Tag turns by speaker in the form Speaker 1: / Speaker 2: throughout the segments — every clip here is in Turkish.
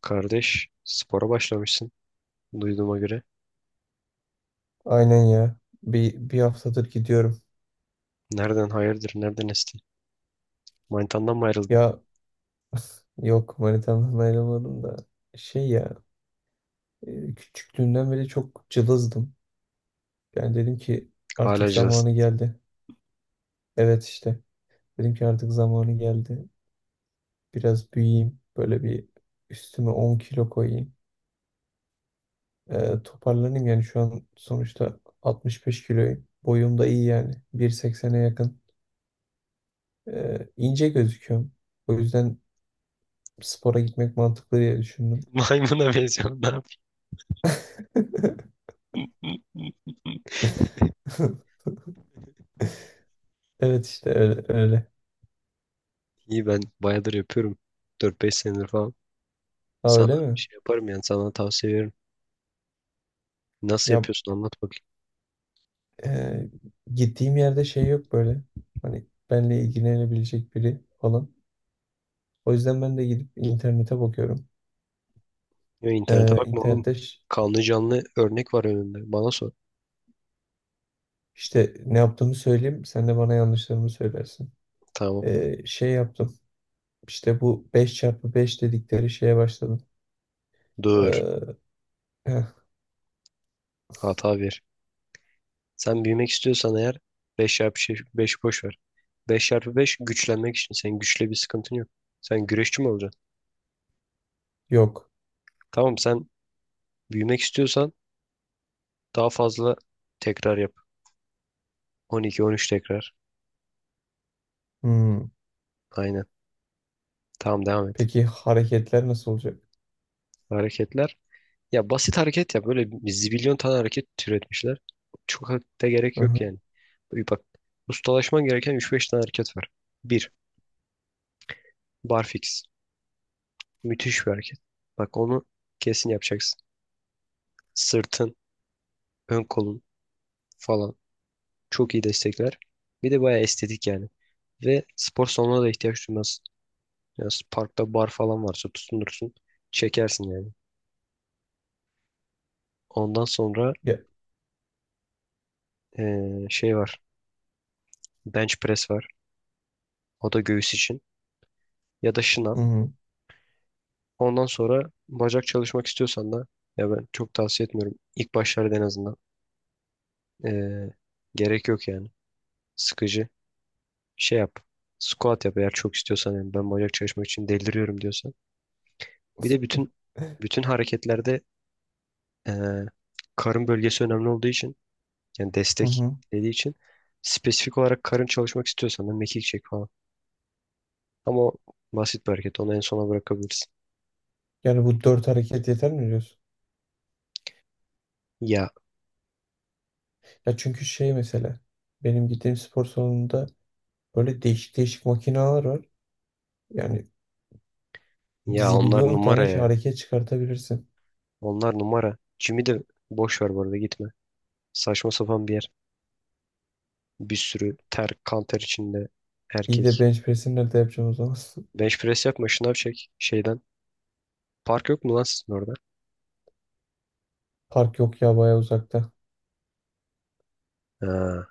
Speaker 1: Kardeş, spora başlamışsın duyduğuma göre.
Speaker 2: Aynen ya. Bir haftadır gidiyorum.
Speaker 1: Nereden hayırdır, nereden esti? Manitandan mı ayrıldın?
Speaker 2: Ya yok manitamdan ayrılmadım da şey ya küçüklüğümden beri çok cılızdım. Yani dedim ki artık
Speaker 1: Hala
Speaker 2: zamanı
Speaker 1: cılızsın.
Speaker 2: geldi. Evet işte dedim ki artık zamanı geldi. Biraz büyüyeyim. Böyle bir üstüme 10 kilo koyayım. Toparlanayım yani şu an sonuçta 65 kiloyum. Boyum da iyi yani. 1.80'e yakın. İnce gözüküyorum. O yüzden spora gitmek mantıklı diye düşündüm.
Speaker 1: Maymuna benziyorsun, ne yapayım?
Speaker 2: Evet işte öyle öyle.
Speaker 1: İyi, ben bayağıdır yapıyorum. 4-5 senedir falan.
Speaker 2: Ha
Speaker 1: Sana
Speaker 2: öyle mi?
Speaker 1: şey yaparım yani sana tavsiye veririm. Nasıl
Speaker 2: Ya
Speaker 1: yapıyorsun, anlat bakayım.
Speaker 2: e, gittiğim yerde şey yok böyle. Hani benle ilgilenebilecek biri falan. O yüzden ben de gidip internete bakıyorum.
Speaker 1: Ya, internete bakma oğlum.
Speaker 2: İnternette
Speaker 1: Kanlı canlı örnek var önünde. Bana sor.
Speaker 2: işte ne yaptığımı söyleyeyim. Sen de bana yanlışlarımı söylersin.
Speaker 1: Tamam.
Speaker 2: Şey yaptım. İşte bu beş çarpı beş dedikleri şeye başladım.
Speaker 1: Dur.
Speaker 2: E, heh,
Speaker 1: Hata ver. Sen büyümek istiyorsan eğer, 5 çarpı 5 boş ver. Beş çarpı 5 güçlenmek için. Senin güçle bir sıkıntın yok. Sen güreşçi mi olacaksın?
Speaker 2: yok.
Speaker 1: Tamam, sen büyümek istiyorsan daha fazla tekrar yap. 12, 13 tekrar.
Speaker 2: Hmm.
Speaker 1: Aynen. Tamam, devam et.
Speaker 2: Peki hareketler nasıl olacak?
Speaker 1: Hareketler. Ya basit hareket ya. Böyle bir zibilyon tane hareket türetmişler. Çok da
Speaker 2: Hı
Speaker 1: gerek
Speaker 2: hı.
Speaker 1: yok yani. Bir bak, ustalaşman gereken üç beş tane hareket var. 1. Barfix. Müthiş bir hareket. Bak, onu kesin yapacaksın. Sırtın, ön kolun falan. Çok iyi destekler. Bir de bayağı estetik yani. Ve spor salonuna da ihtiyaç duymaz. Yani parkta bar falan varsa tutunursun. Çekersin yani. Ondan sonra
Speaker 2: Ya,
Speaker 1: şey var. Bench press var. O da göğüs için. Ya da şınav.
Speaker 2: hı hı.
Speaker 1: Ondan sonra bacak çalışmak istiyorsan da, ya ben çok tavsiye etmiyorum. İlk başlarda en azından. Eee, gerek yok yani. Sıkıcı. Şey yap. Squat yap eğer çok istiyorsan, yani ben bacak çalışmak için deliriyorum diyorsan. Bir de bütün hareketlerde, Ee, karın bölgesi önemli olduğu için, yani
Speaker 2: Hı
Speaker 1: destek
Speaker 2: hı.
Speaker 1: dediği için, spesifik olarak karın çalışmak istiyorsan da mekik çek falan. Ama o basit bir hareket. Onu en sona bırakabilirsin.
Speaker 2: Yani bu dört hareket yeter mi diyorsun?
Speaker 1: Ya
Speaker 2: Ya çünkü şey mesela benim gittiğim spor salonunda böyle değişik değişik makineler var. Yani
Speaker 1: ya onlar
Speaker 2: zibilyon
Speaker 1: numara
Speaker 2: tane şey
Speaker 1: ya.
Speaker 2: hareket çıkartabilirsin.
Speaker 1: Onlar numara. Jimmy de boş ver bu arada, gitme. Saçma sapan bir yer. Bir sürü ter, kan ter içinde
Speaker 2: İyi de
Speaker 1: erkek.
Speaker 2: bench press'i nerede yapacaksın o zaman?
Speaker 1: Bench press yapma, şınav çek şeyden. Park yok mu lan sizin orada?
Speaker 2: Park yok ya baya uzakta.
Speaker 1: Ha.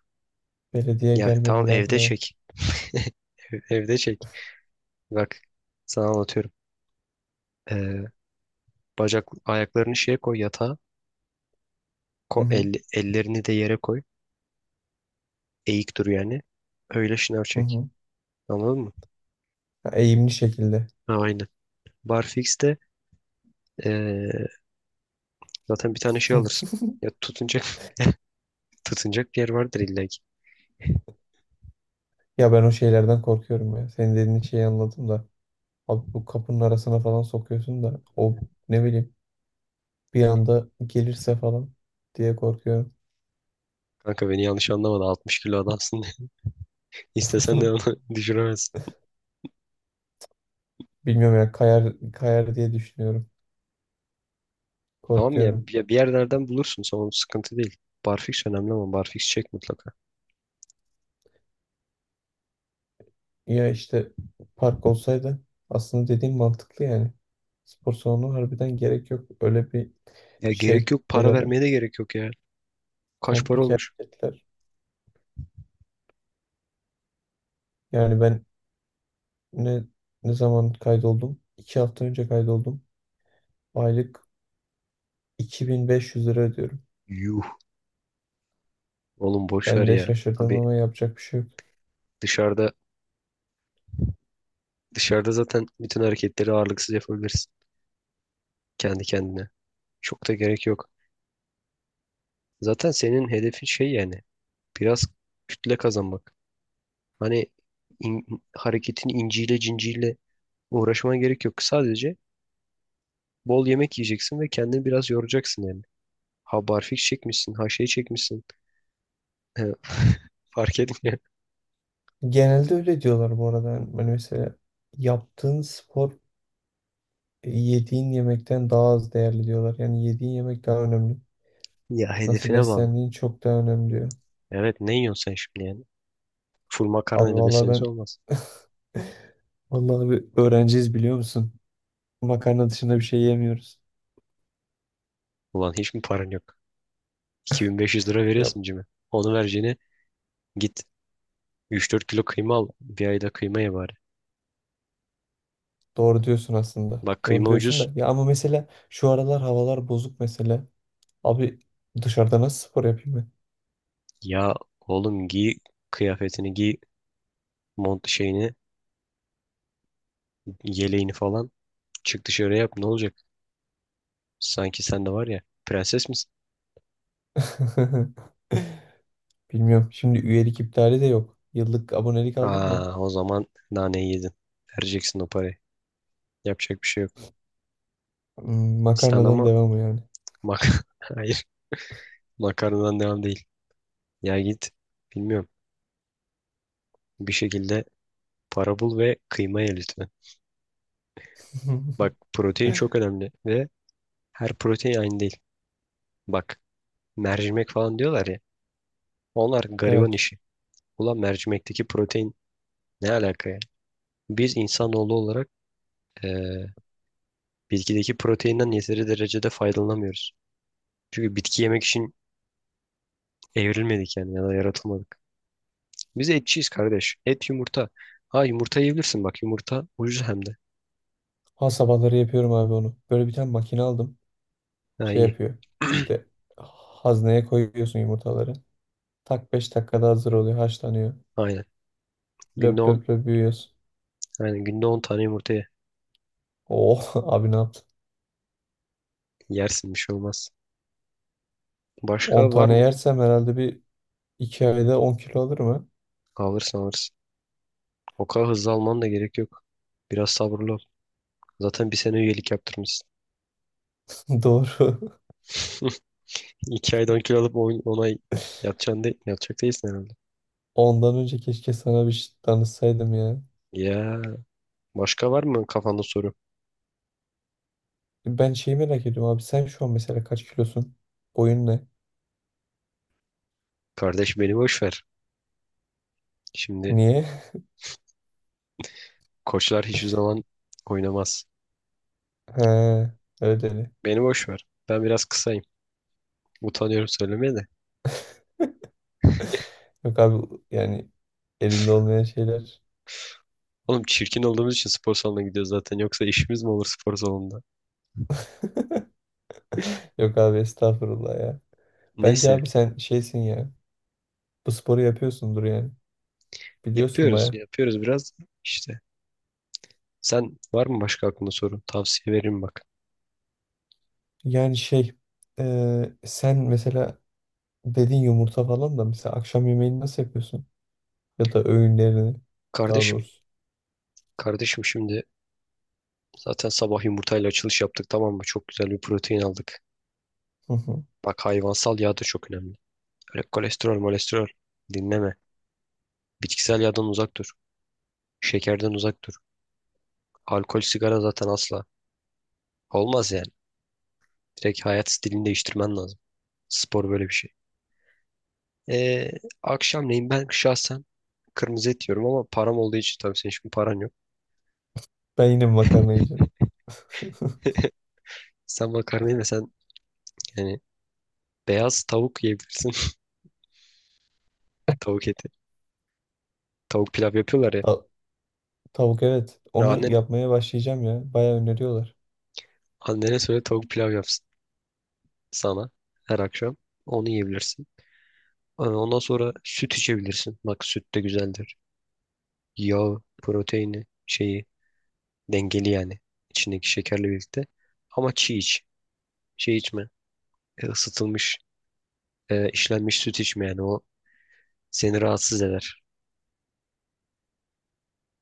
Speaker 2: Belediye
Speaker 1: Ya tamam,
Speaker 2: gelmedi daha
Speaker 1: evde
Speaker 2: buraya.
Speaker 1: çek. Evde çek. Bak, sana anlatıyorum. Ee, Bacak ayaklarını şeye koy, yatağa. Ko
Speaker 2: Hı hı
Speaker 1: el, ellerini de yere koy. Eğik dur yani. Öyle şınav
Speaker 2: hı
Speaker 1: çek.
Speaker 2: hı.
Speaker 1: Anladın mı?
Speaker 2: Ya eğimli şekilde.
Speaker 1: Ha, aynen. Barfix'te eee, zaten bir tane şey alırsın. Ya, tutunacak tutunacak bir yer vardır illa ki.
Speaker 2: Ya ben o şeylerden korkuyorum ya. Senin dediğin şeyi anladım da. Abi bu kapının arasına falan sokuyorsun da o ne bileyim bir anda gelirse falan diye korkuyorum.
Speaker 1: Kanka, beni yanlış anlamadı. 60 kilo adamsın. İstesen de onu düşüremezsin.
Speaker 2: Bilmiyorum ya kayar kayar diye düşünüyorum.
Speaker 1: Tamam ya,
Speaker 2: Korkuyorum.
Speaker 1: bir yerlerden bulursun. Sonra sıkıntı değil. Barfix önemli, ama Barfix çek mutlaka.
Speaker 2: Ya işte park olsaydı aslında dediğim mantıklı yani. Spor salonu harbiden gerek yok. Öyle bir
Speaker 1: Ya
Speaker 2: şey
Speaker 1: gerek yok.
Speaker 2: ne
Speaker 1: Para vermeye
Speaker 2: derler?
Speaker 1: de gerek yok ya. Kaç para
Speaker 2: Komplike
Speaker 1: olmuş?
Speaker 2: hareketler. Yani ben ne ne zaman kaydoldum? 2 hafta önce kaydoldum. Aylık 2.500 lira ödüyorum.
Speaker 1: Yuh. Oğlum boş ver
Speaker 2: Ben de
Speaker 1: ya.
Speaker 2: şaşırdım
Speaker 1: Abi,
Speaker 2: ama yapacak bir şey yok.
Speaker 1: dışarıda Dışarıda zaten bütün hareketleri ağırlıksız yapabilirsin, kendi kendine. Çok da gerek yok. Zaten senin hedefin şey yani, biraz kütle kazanmak. Hani, hareketin inciyle cinciyle uğraşmana gerek yok. Sadece bol yemek yiyeceksin ve kendini biraz yoracaksın yani. Ha barfiks çekmişsin, ha şey çekmişsin. Fark etmiyor.
Speaker 2: Genelde öyle diyorlar bu arada. Yani hani mesela yaptığın spor yediğin yemekten daha az değerli diyorlar. Yani yediğin yemek daha önemli.
Speaker 1: Ya
Speaker 2: Nasıl
Speaker 1: hedefine bağlı.
Speaker 2: beslendiğin çok daha önemli diyor.
Speaker 1: Evet, ne yiyorsun sen şimdi yani? Full
Speaker 2: Abi
Speaker 1: makarnayla
Speaker 2: vallahi
Speaker 1: besleniyorsan
Speaker 2: ben
Speaker 1: olmaz.
Speaker 2: vallahi abi öğrenciyiz biliyor musun? Makarna dışında bir şey yemiyoruz.
Speaker 1: Ulan, hiç mi paran yok? 2500 lira
Speaker 2: Ya
Speaker 1: veriyorsun cime. Onu vereceğine git, 3-4 kilo kıyma al. Bir ayda kıyma ye bari.
Speaker 2: doğru diyorsun aslında.
Speaker 1: Bak,
Speaker 2: Doğru
Speaker 1: kıyma
Speaker 2: diyorsun
Speaker 1: ucuz.
Speaker 2: da ya ama mesela şu aralar havalar bozuk mesela. Abi dışarıda nasıl spor yapayım ben?
Speaker 1: Ya oğlum, giy kıyafetini giy. Mont şeyini, yeleğini falan. Çık dışarı yap, ne olacak? Sanki sen de, var ya, prenses misin?
Speaker 2: Bilmiyorum. Şimdi üyelik iptali de yok. Yıllık abonelik aldım ya.
Speaker 1: Aa, o zaman naneyi yedin. Vereceksin o parayı. Yapacak bir şey yok. Sen
Speaker 2: Makarnadan
Speaker 1: ama
Speaker 2: devamı yani.
Speaker 1: mak hayır, makarnadan devam değil. Ya git, bilmiyorum. Bir şekilde para bul ve kıyma ye lütfen. Bak, protein çok önemli ve her protein aynı değil. Bak, mercimek falan diyorlar ya. Onlar gariban
Speaker 2: Evet.
Speaker 1: işi. Ulan, mercimekteki protein ne alaka ya? Biz insanoğlu olarak, eee, bitkideki proteinden yeteri derecede faydalanamıyoruz. Çünkü bitki yemek için evrilmedik yani, ya da yaratılmadık. Biz etçiyiz kardeş. Et, yumurta. Ha yumurta yiyebilirsin, bak yumurta ucuz hem de.
Speaker 2: Ha sabahları yapıyorum abi onu. Böyle bir tane makine aldım.
Speaker 1: Ha,
Speaker 2: Şey
Speaker 1: iyi.
Speaker 2: yapıyor. İşte hazneye koyuyorsun yumurtaları. Tak 5 dakikada hazır oluyor, haşlanıyor.
Speaker 1: Aynen. Günde
Speaker 2: Löp
Speaker 1: 10
Speaker 2: löp löp büyüyorsun.
Speaker 1: aynen, günde 10 tane yumurta ye.
Speaker 2: Oh abi ne yaptın?
Speaker 1: Yersin, bir şey olmaz.
Speaker 2: 10
Speaker 1: Başka var
Speaker 2: tane
Speaker 1: mı?
Speaker 2: yersem herhalde bir 2 ayda 10 kilo alırım ha.
Speaker 1: Alırsın, alırsın. O kadar hızlı alman da gerek yok. Biraz sabırlı ol. Zaten bir sene üyelik yaptırmışsın.
Speaker 2: Doğru.
Speaker 1: 2 aydan kilo alıp on ay yatacaksın de, yatacak değilsin herhalde.
Speaker 2: Ondan önce keşke sana bir şey danışsaydım ya.
Speaker 1: Ya, başka var mı kafanda soru?
Speaker 2: Ben şeyi merak ediyorum abi sen şu an mesela kaç kilosun? Boyun ne?
Speaker 1: Kardeş, beni boş ver. Şimdi
Speaker 2: Niye?
Speaker 1: koçlar hiçbir zaman oynamaz.
Speaker 2: He, ödeli.
Speaker 1: Beni boş ver. Ben biraz kısayım. Utanıyorum söylemeye de.
Speaker 2: Yok abi yani elinde olmayan şeyler.
Speaker 1: Oğlum, çirkin olduğumuz için spor salonuna gidiyoruz zaten. Yoksa işimiz mi olur spor salonunda?
Speaker 2: Yok abi estağfurullah ya. Bence
Speaker 1: Neyse,
Speaker 2: abi sen şeysin ya. Bu sporu yapıyorsundur yani. Biliyorsun
Speaker 1: yapıyoruz.
Speaker 2: baya.
Speaker 1: Yapıyoruz biraz işte. Sen var mı başka aklında soru? Tavsiye veririm bak.
Speaker 2: Yani şey sen mesela dedin yumurta falan da mesela akşam yemeğini nasıl yapıyorsun? Ya da öğünlerini daha
Speaker 1: Kardeşim.
Speaker 2: doğrusu.
Speaker 1: Kardeşim, şimdi zaten sabah yumurtayla açılış yaptık tamam mı? Çok güzel bir protein aldık.
Speaker 2: Hı hı.
Speaker 1: Bak, hayvansal yağ da çok önemli. Öyle kolesterol, molesterol dinleme. Bitkisel yağdan uzak dur. Şekerden uzak dur. Alkol, sigara zaten asla. Olmaz yani. Direkt hayat stilini değiştirmen lazım. Spor böyle bir şey. Ee, akşamleyin ben şahsen kırmızı et yiyorum, ama param olduğu için tabii senin şimdi paran yok.
Speaker 2: Ben yine makarna yiyeceğim.
Speaker 1: Sen makarna yemesen, yani beyaz tavuk yiyebilirsin. Tavuk eti. Tavuk pilav yapıyorlar ya.
Speaker 2: Ta- tavuk evet.
Speaker 1: Ya
Speaker 2: Onu
Speaker 1: annen,
Speaker 2: yapmaya başlayacağım ya. Bayağı öneriyorlar.
Speaker 1: annene söyle tavuk pilav yapsın sana her akşam. Onu yiyebilirsin. Hani ondan sonra süt içebilirsin. Bak, süt de güzeldir. Yağı, proteini, şeyi dengeli yani. İçindeki şekerle birlikte. Ama çiğ iç. Şey içme. Isıtılmış, işlenmiş süt içme yani, o seni rahatsız eder.